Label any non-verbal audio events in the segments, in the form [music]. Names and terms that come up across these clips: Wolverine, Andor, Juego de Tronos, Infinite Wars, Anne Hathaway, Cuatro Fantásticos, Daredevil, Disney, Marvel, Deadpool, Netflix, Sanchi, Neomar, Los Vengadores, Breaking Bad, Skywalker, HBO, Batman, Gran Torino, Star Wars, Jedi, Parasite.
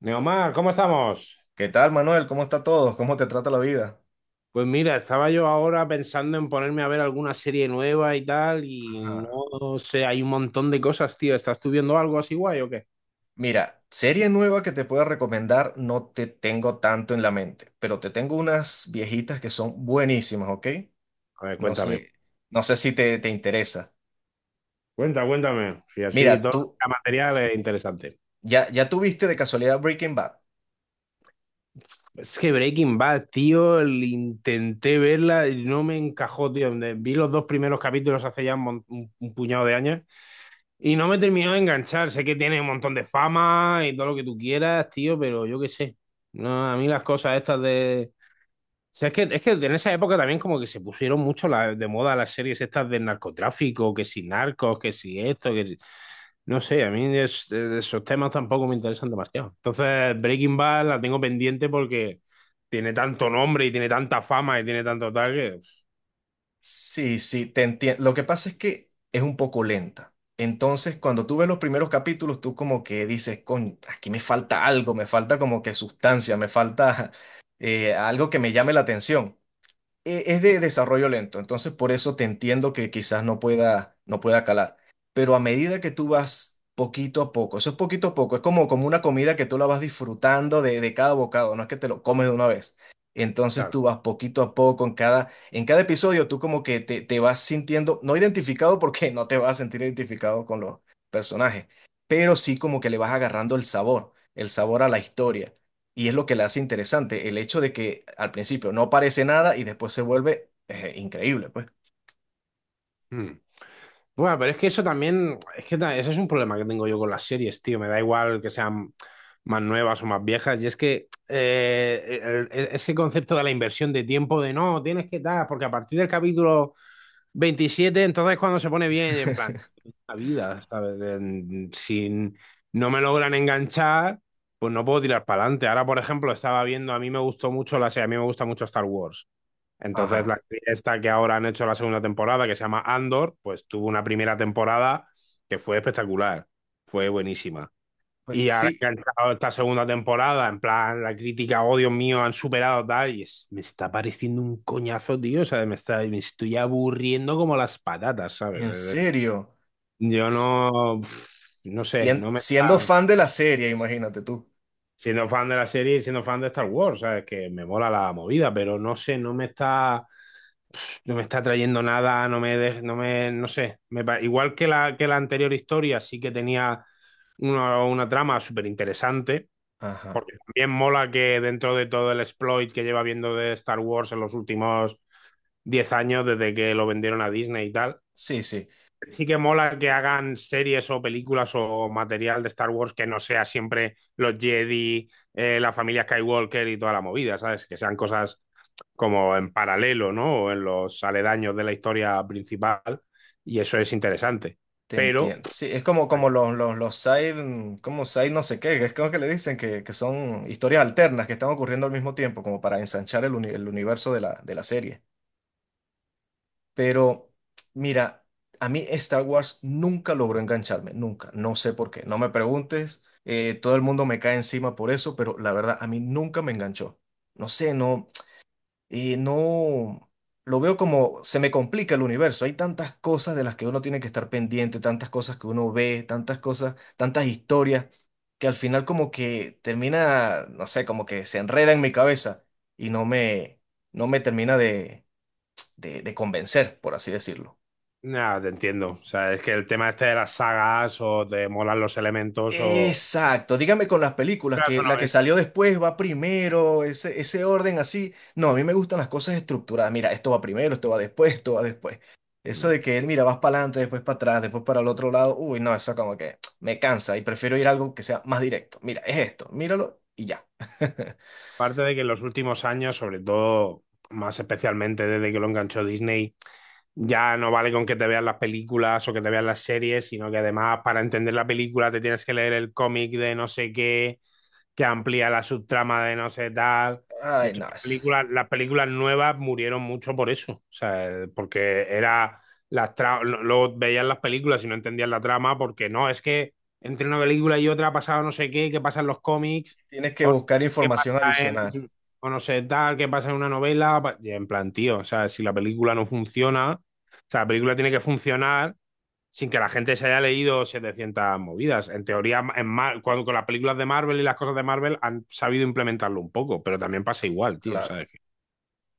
Neomar, ¿cómo estamos? ¿Qué tal, Manuel? ¿Cómo está todo? ¿Cómo te trata la vida? Pues mira, estaba yo ahora pensando en ponerme a ver alguna serie nueva y tal, y Ajá. no sé, hay un montón de cosas, tío. ¿Estás tú viendo algo así guay o qué? Mira, serie nueva que te pueda recomendar no te tengo tanto en la mente, pero te tengo unas viejitas que son buenísimas, ¿ok? A ver, No Ok. cuéntame. sé si te interesa. Cuenta, cuéntame. Si así Mira, todo tú el material es interesante. ya tuviste de casualidad Breaking Bad. Es que Breaking Bad, tío, intenté verla y no me encajó, tío. Vi los dos primeros capítulos hace ya un puñado de años. Y no me terminó de enganchar. Sé que tiene un montón de fama y todo lo que tú quieras, tío, pero yo qué sé. No, a mí las cosas estas de. O sea, es que en esa época también como que se pusieron mucho de moda las series estas del narcotráfico, que si narcos, que si esto, que si... No sé, a mí de esos temas tampoco me interesan demasiado. Entonces, Breaking Bad la tengo pendiente porque tiene tanto nombre y tiene tanta fama y tiene tanto tal que... Sí, sí, te entiendo. Lo que pasa es que es un poco lenta. Entonces, cuando tú ves los primeros capítulos, tú como que dices, coño, aquí me falta algo, me falta como que sustancia, me falta algo que me llame la atención. Es de desarrollo lento, entonces por eso te entiendo que quizás no pueda, no pueda calar. Pero a medida que tú vas poquito a poco, eso es poquito a poco, es como, como una comida que tú la vas disfrutando de cada bocado, no es que te lo comes de una vez. Entonces tú vas poquito a poco en cada episodio, tú como que te vas sintiendo, no identificado porque no te vas a sentir identificado con los personajes, pero sí como que le vas agarrando el sabor a la historia. Y es lo que la hace interesante, el hecho de que al principio no parece nada y después se vuelve increíble, pues. Claro. Bueno, pero es que eso también, es que ese es un problema que tengo yo con las series, tío. Me da igual que sean más nuevas o más viejas. Y es que ese concepto de la inversión de tiempo, de no, tienes que dar, porque a partir del capítulo 27 entonces cuando se pone bien, en plan, la vida, ¿sabes? Si no me logran enganchar, pues no puedo tirar para adelante. Ahora, por ejemplo, estaba viendo, a mí me gustó mucho la serie, a mí me gusta mucho Star Wars. Entonces, Ajá. la serie esta que ahora han hecho la segunda temporada, que se llama Andor, pues tuvo una primera temporada que fue espectacular, fue buenísima. Pues, Y ahora sí, que ha entrado esta segunda temporada, en plan, la crítica, oh Dios mío, han superado tal, y me está pareciendo un coñazo, tío, o sea, me está, me estoy aburriendo como las patatas, ¿sabes? en serio. Yo no, pf, no sé, sien- no me siendo está, fan de la serie, imagínate tú. siendo fan de la serie y siendo fan de Star Wars, ¿sabes? Que me mola la movida, pero no sé, no me está. No me está trayendo nada, no me, no me, no sé. Igual que la anterior historia, sí que tenía una trama súper interesante, Ajá. porque también mola que dentro de todo el exploit que lleva viendo de Star Wars en los últimos 10 años, desde que lo vendieron a Disney y tal, Sí, sí, sí que mola que hagan series o películas o material de Star Wars que no sea siempre los Jedi, la familia Skywalker y toda la movida, ¿sabes? Que sean cosas como en paralelo, ¿no? O en los aledaños de la historia principal, y eso es interesante. te Pero, entiendo. Sí, es como, como los side, como side no sé qué, que es como que le dicen que son historias alternas que están ocurriendo al mismo tiempo, como para ensanchar el, el universo de la serie. Pero mira, a mí Star Wars nunca logró engancharme, nunca. No sé por qué. No me preguntes. Todo el mundo me cae encima por eso, pero la verdad, a mí nunca me enganchó. No sé, no, no. Lo veo como se me complica el universo. Hay tantas cosas de las que uno tiene que estar pendiente, tantas cosas que uno ve, tantas cosas, tantas historias, que al final como que termina, no sé, como que se enreda en mi cabeza y no me termina de convencer, por así decirlo. nada, te entiendo. O sea, es que el tema este de las sagas, o te molan los elementos, o... Exacto, dígame con las películas, Pero eso que la no que salió después va primero, ese orden así. No, a mí me gustan las cosas estructuradas. Mira, esto va primero, esto va después, esto va después. Eso me- de que, mira, vas para adelante, después para atrás, después para el otro lado, uy, no, eso como que me cansa y prefiero ir a algo que sea más directo. Mira, es esto, míralo y ya. [laughs] aparte de que en los últimos años, sobre todo, más especialmente desde que lo enganchó Disney, ya no vale con que te veas las películas o que te veas las series, sino que además para entender la película te tienes que leer el cómic de no sé qué que amplía la subtrama de no sé tal. De Ay, hecho, no, las películas nuevas murieron mucho por eso, o sea, porque era luego veías las películas y no entendías la trama porque no, es que entre una película y otra ha pasado no sé qué, qué pasa en los cómics, tienes que o buscar qué pasa información adicional. en, o no sé tal, qué pasa en una novela, y en plan, tío, o sea, si la película no funciona, o sea, la película tiene que funcionar sin que la gente se haya leído 700 movidas. En teoría, en con las películas de Marvel y las cosas de Marvel han sabido implementarlo un poco, pero también pasa igual, tío, Claro. ¿sabes?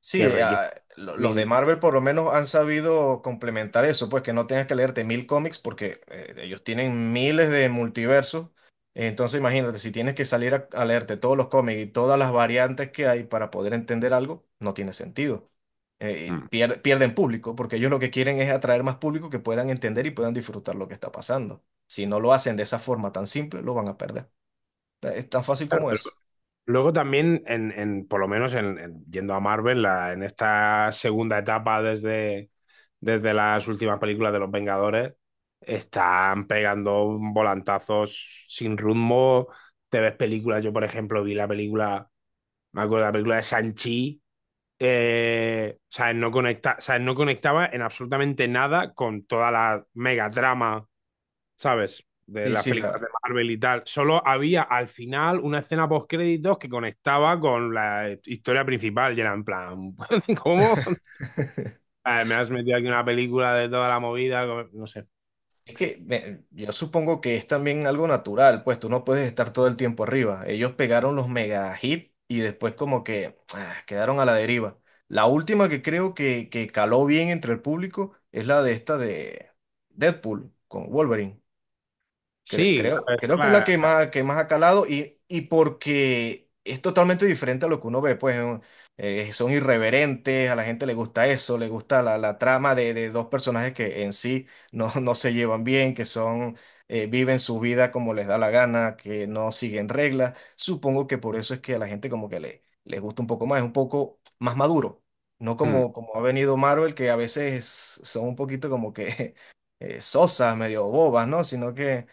Sí, Que requiere los de mil... Marvel por lo menos han sabido complementar eso, pues que no tengas que leerte mil cómics porque ellos tienen miles de multiversos. Entonces imagínate, si tienes que salir a leerte todos los cómics y todas las variantes que hay para poder entender algo, no tiene sentido. Mm. Pierden público porque ellos lo que quieren es atraer más público que puedan entender y puedan disfrutar lo que está pasando. Si no lo hacen de esa forma tan simple, lo van a perder. Es tan fácil Claro, como pero eso. luego también, por lo menos en yendo a Marvel, la, en esta segunda etapa desde las últimas películas de Los Vengadores, están pegando volantazos sin rumbo. Te ves películas, yo por ejemplo vi la película, me acuerdo de la película de Sanchi, o sea, no conecta, o sea, no conectaba en absolutamente nada con toda la mega trama, ¿sabes? De Sí, las sí, películas la. de Marvel y tal. Solo había al final una escena post créditos que conectaba con la historia principal y era en plan, [laughs] ¿cómo? Me has metido aquí una película de toda la movida, no sé. Es que yo supongo que es también algo natural, pues tú no puedes estar todo el tiempo arriba. Ellos pegaron los mega hit y después como que ah, quedaron a la deriva. La última que creo que caló bien entre el público es la de esta de Deadpool con Wolverine. Sí, a ver, es Creo que es la que más ha calado y porque es totalmente diferente a lo que uno ve, pues son irreverentes, a la gente le gusta eso, le gusta la trama de dos personajes que en sí no, [laughs] no se llevan bien, que son, viven su vida como les da la gana, que no siguen reglas. Supongo que por eso es que a la gente como que les gusta un poco más, es un poco más maduro, no mm. como, como ha venido Marvel, que a veces son un poquito como que... [laughs] sosas, medio bobas, ¿no? Sino que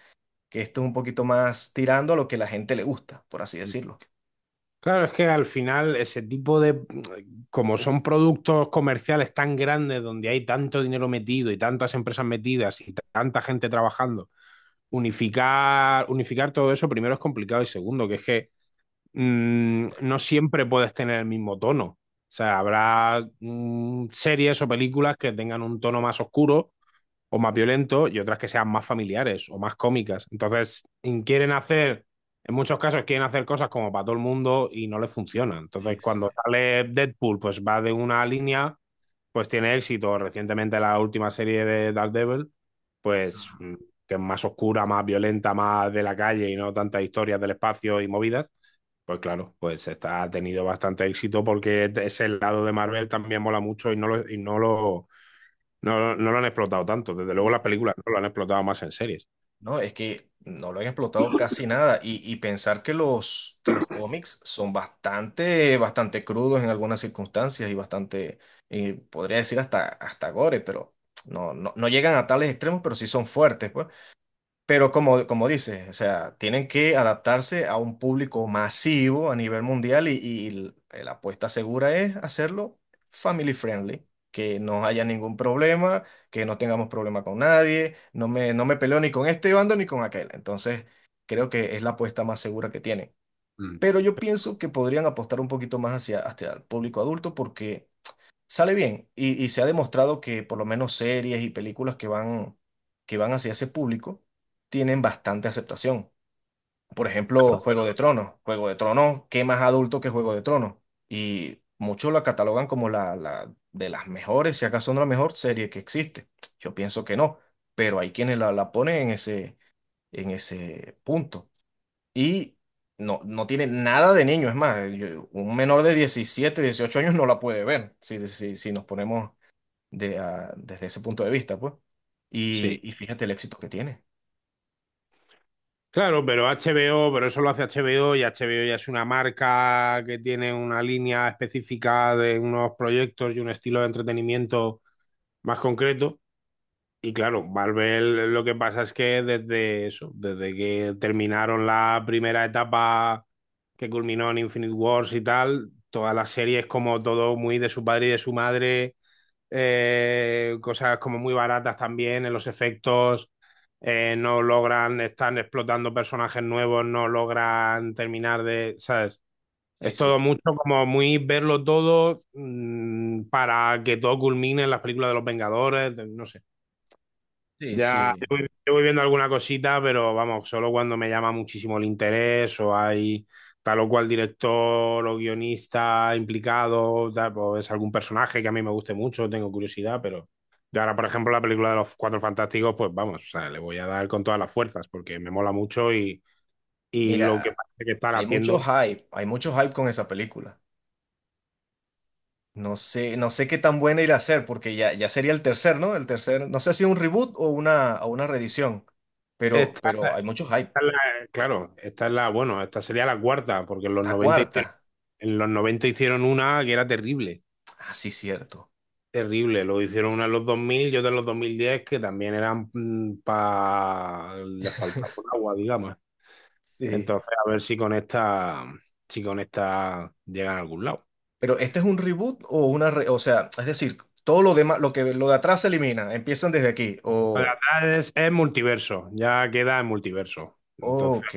que esto es un poquito más tirando a lo que la gente le gusta, por así decirlo. Claro, es que al final ese tipo de, como son productos comerciales tan grandes donde hay tanto dinero metido y tantas empresas metidas y tanta gente trabajando, unificar todo eso primero es complicado y segundo, que es que no siempre puedes tener el mismo tono. O sea, habrá series o películas que tengan un tono más oscuro o más violentos y otras que sean más familiares o más cómicas. Entonces, quieren hacer, en muchos casos quieren hacer cosas como para todo el mundo y no les funciona. Sí, Entonces, sí. cuando sale Deadpool, pues va de una línea, pues tiene éxito. Recientemente la última serie de Daredevil, pues Ajá. Que es más oscura, más violenta, más de la calle y no tantas historias del espacio y movidas. Pues claro, pues está, ha tenido bastante éxito porque ese lado de Marvel también mola mucho no, no lo han explotado tanto. Desde luego No, las películas no lo han explotado más en series. no, es que no lo han explotado casi nada y, y pensar que los cómics son bastante, bastante crudos en algunas circunstancias y bastante, podría decir hasta, hasta gore, pero no, no, no llegan a tales extremos, pero sí son fuertes, pues. Pero como, como dices, o sea, tienen que adaptarse a un público masivo a nivel mundial y la apuesta segura es hacerlo family friendly, que no haya ningún problema, que no tengamos problema con nadie, no me peleo ni con este bando ni con aquel. Entonces, creo que es la apuesta más segura que tienen. Mm, Pero yo pienso que podrían apostar un poquito más hacia, hacia el público adulto porque sale bien y se ha demostrado que por lo menos series y películas que van hacia ese público tienen bastante aceptación. Por ejemplo, Juego de Tronos. Juego de Tronos, ¿qué más adulto que Juego de Tronos? Y muchos la catalogan como la de las mejores, si acaso no la mejor serie que existe. Yo pienso que no, pero hay quienes la ponen en ese punto. Y no, no tiene nada de niño, es más, un menor de 17 18 años no la puede ver, si, si, si nos ponemos de, desde ese punto de vista, pues. sí, Y fíjate el éxito que tiene. claro, pero HBO, pero eso lo hace HBO y HBO ya es una marca que tiene una línea específica de unos proyectos y un estilo de entretenimiento más concreto. Y claro, Marvel lo que pasa es que desde eso, desde que terminaron la primera etapa que culminó en Infinite Wars y tal, todas las series como todo muy de su padre y de su madre cosas como muy baratas también en los efectos, no logran, están explotando personajes nuevos, no logran terminar de, ¿sabes? Sí, Es todo sí. mucho como muy verlo todo para que todo culmine en las películas de los Vengadores, de- no sé. Sí, Ya, sí. Yo voy viendo alguna cosita, pero vamos, solo cuando me llama muchísimo el interés o hay tal o cual director o guionista implicado, tal, o es algún personaje que a mí me guste mucho, tengo curiosidad, pero yo ahora, por ejemplo, la película de los Cuatro Fantásticos, pues vamos, o sea, le voy a dar con todas las fuerzas porque me mola mucho y lo Mira, que parece que están haciendo. Hay mucho hype con esa película. No sé, no sé qué tan buena irá a ser, porque ya, ya sería el tercer, ¿no? El tercer, no sé si un reboot o una reedición, Esta pero hay mucho hype. es claro, esta es la, bueno, esta sería la cuarta, porque en los La 90 cuarta, hicieron- en los 90 hicieron una que era terrible. ah, sí, cierto. Terrible, lo hicieron uno en los 2000 y otro en los 2010 que también eran para... les faltaba un agua, digamos. Sí. Entonces, a ver si con esta, si con esta llegan a algún lado. Pero este es un reboot o una, o sea, es decir, todo lo demás, lo que lo de atrás se elimina, empiezan desde aquí, La o... verdad es multiverso, ya queda en multiverso. Entonces, Ok.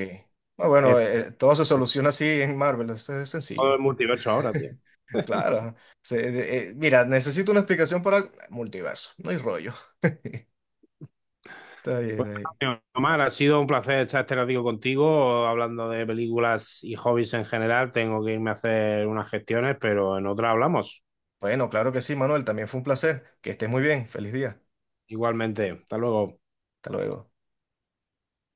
Ah, bueno, es todo se soluciona así en Marvel, eso es todo sencillo. el multiverso ahora, tío. [laughs] Claro. Mira, necesito una explicación para el multiverso. No hay rollo. [laughs] Está bien, Pues, está bien. tío, Omar, ha sido un placer estar este ratito contigo, hablando de películas y hobbies en general. Tengo que irme a hacer unas gestiones, pero en otra hablamos. Bueno, claro que sí, Manuel, también fue un placer. Que estés muy bien. Feliz día. Igualmente, hasta luego. Hasta luego.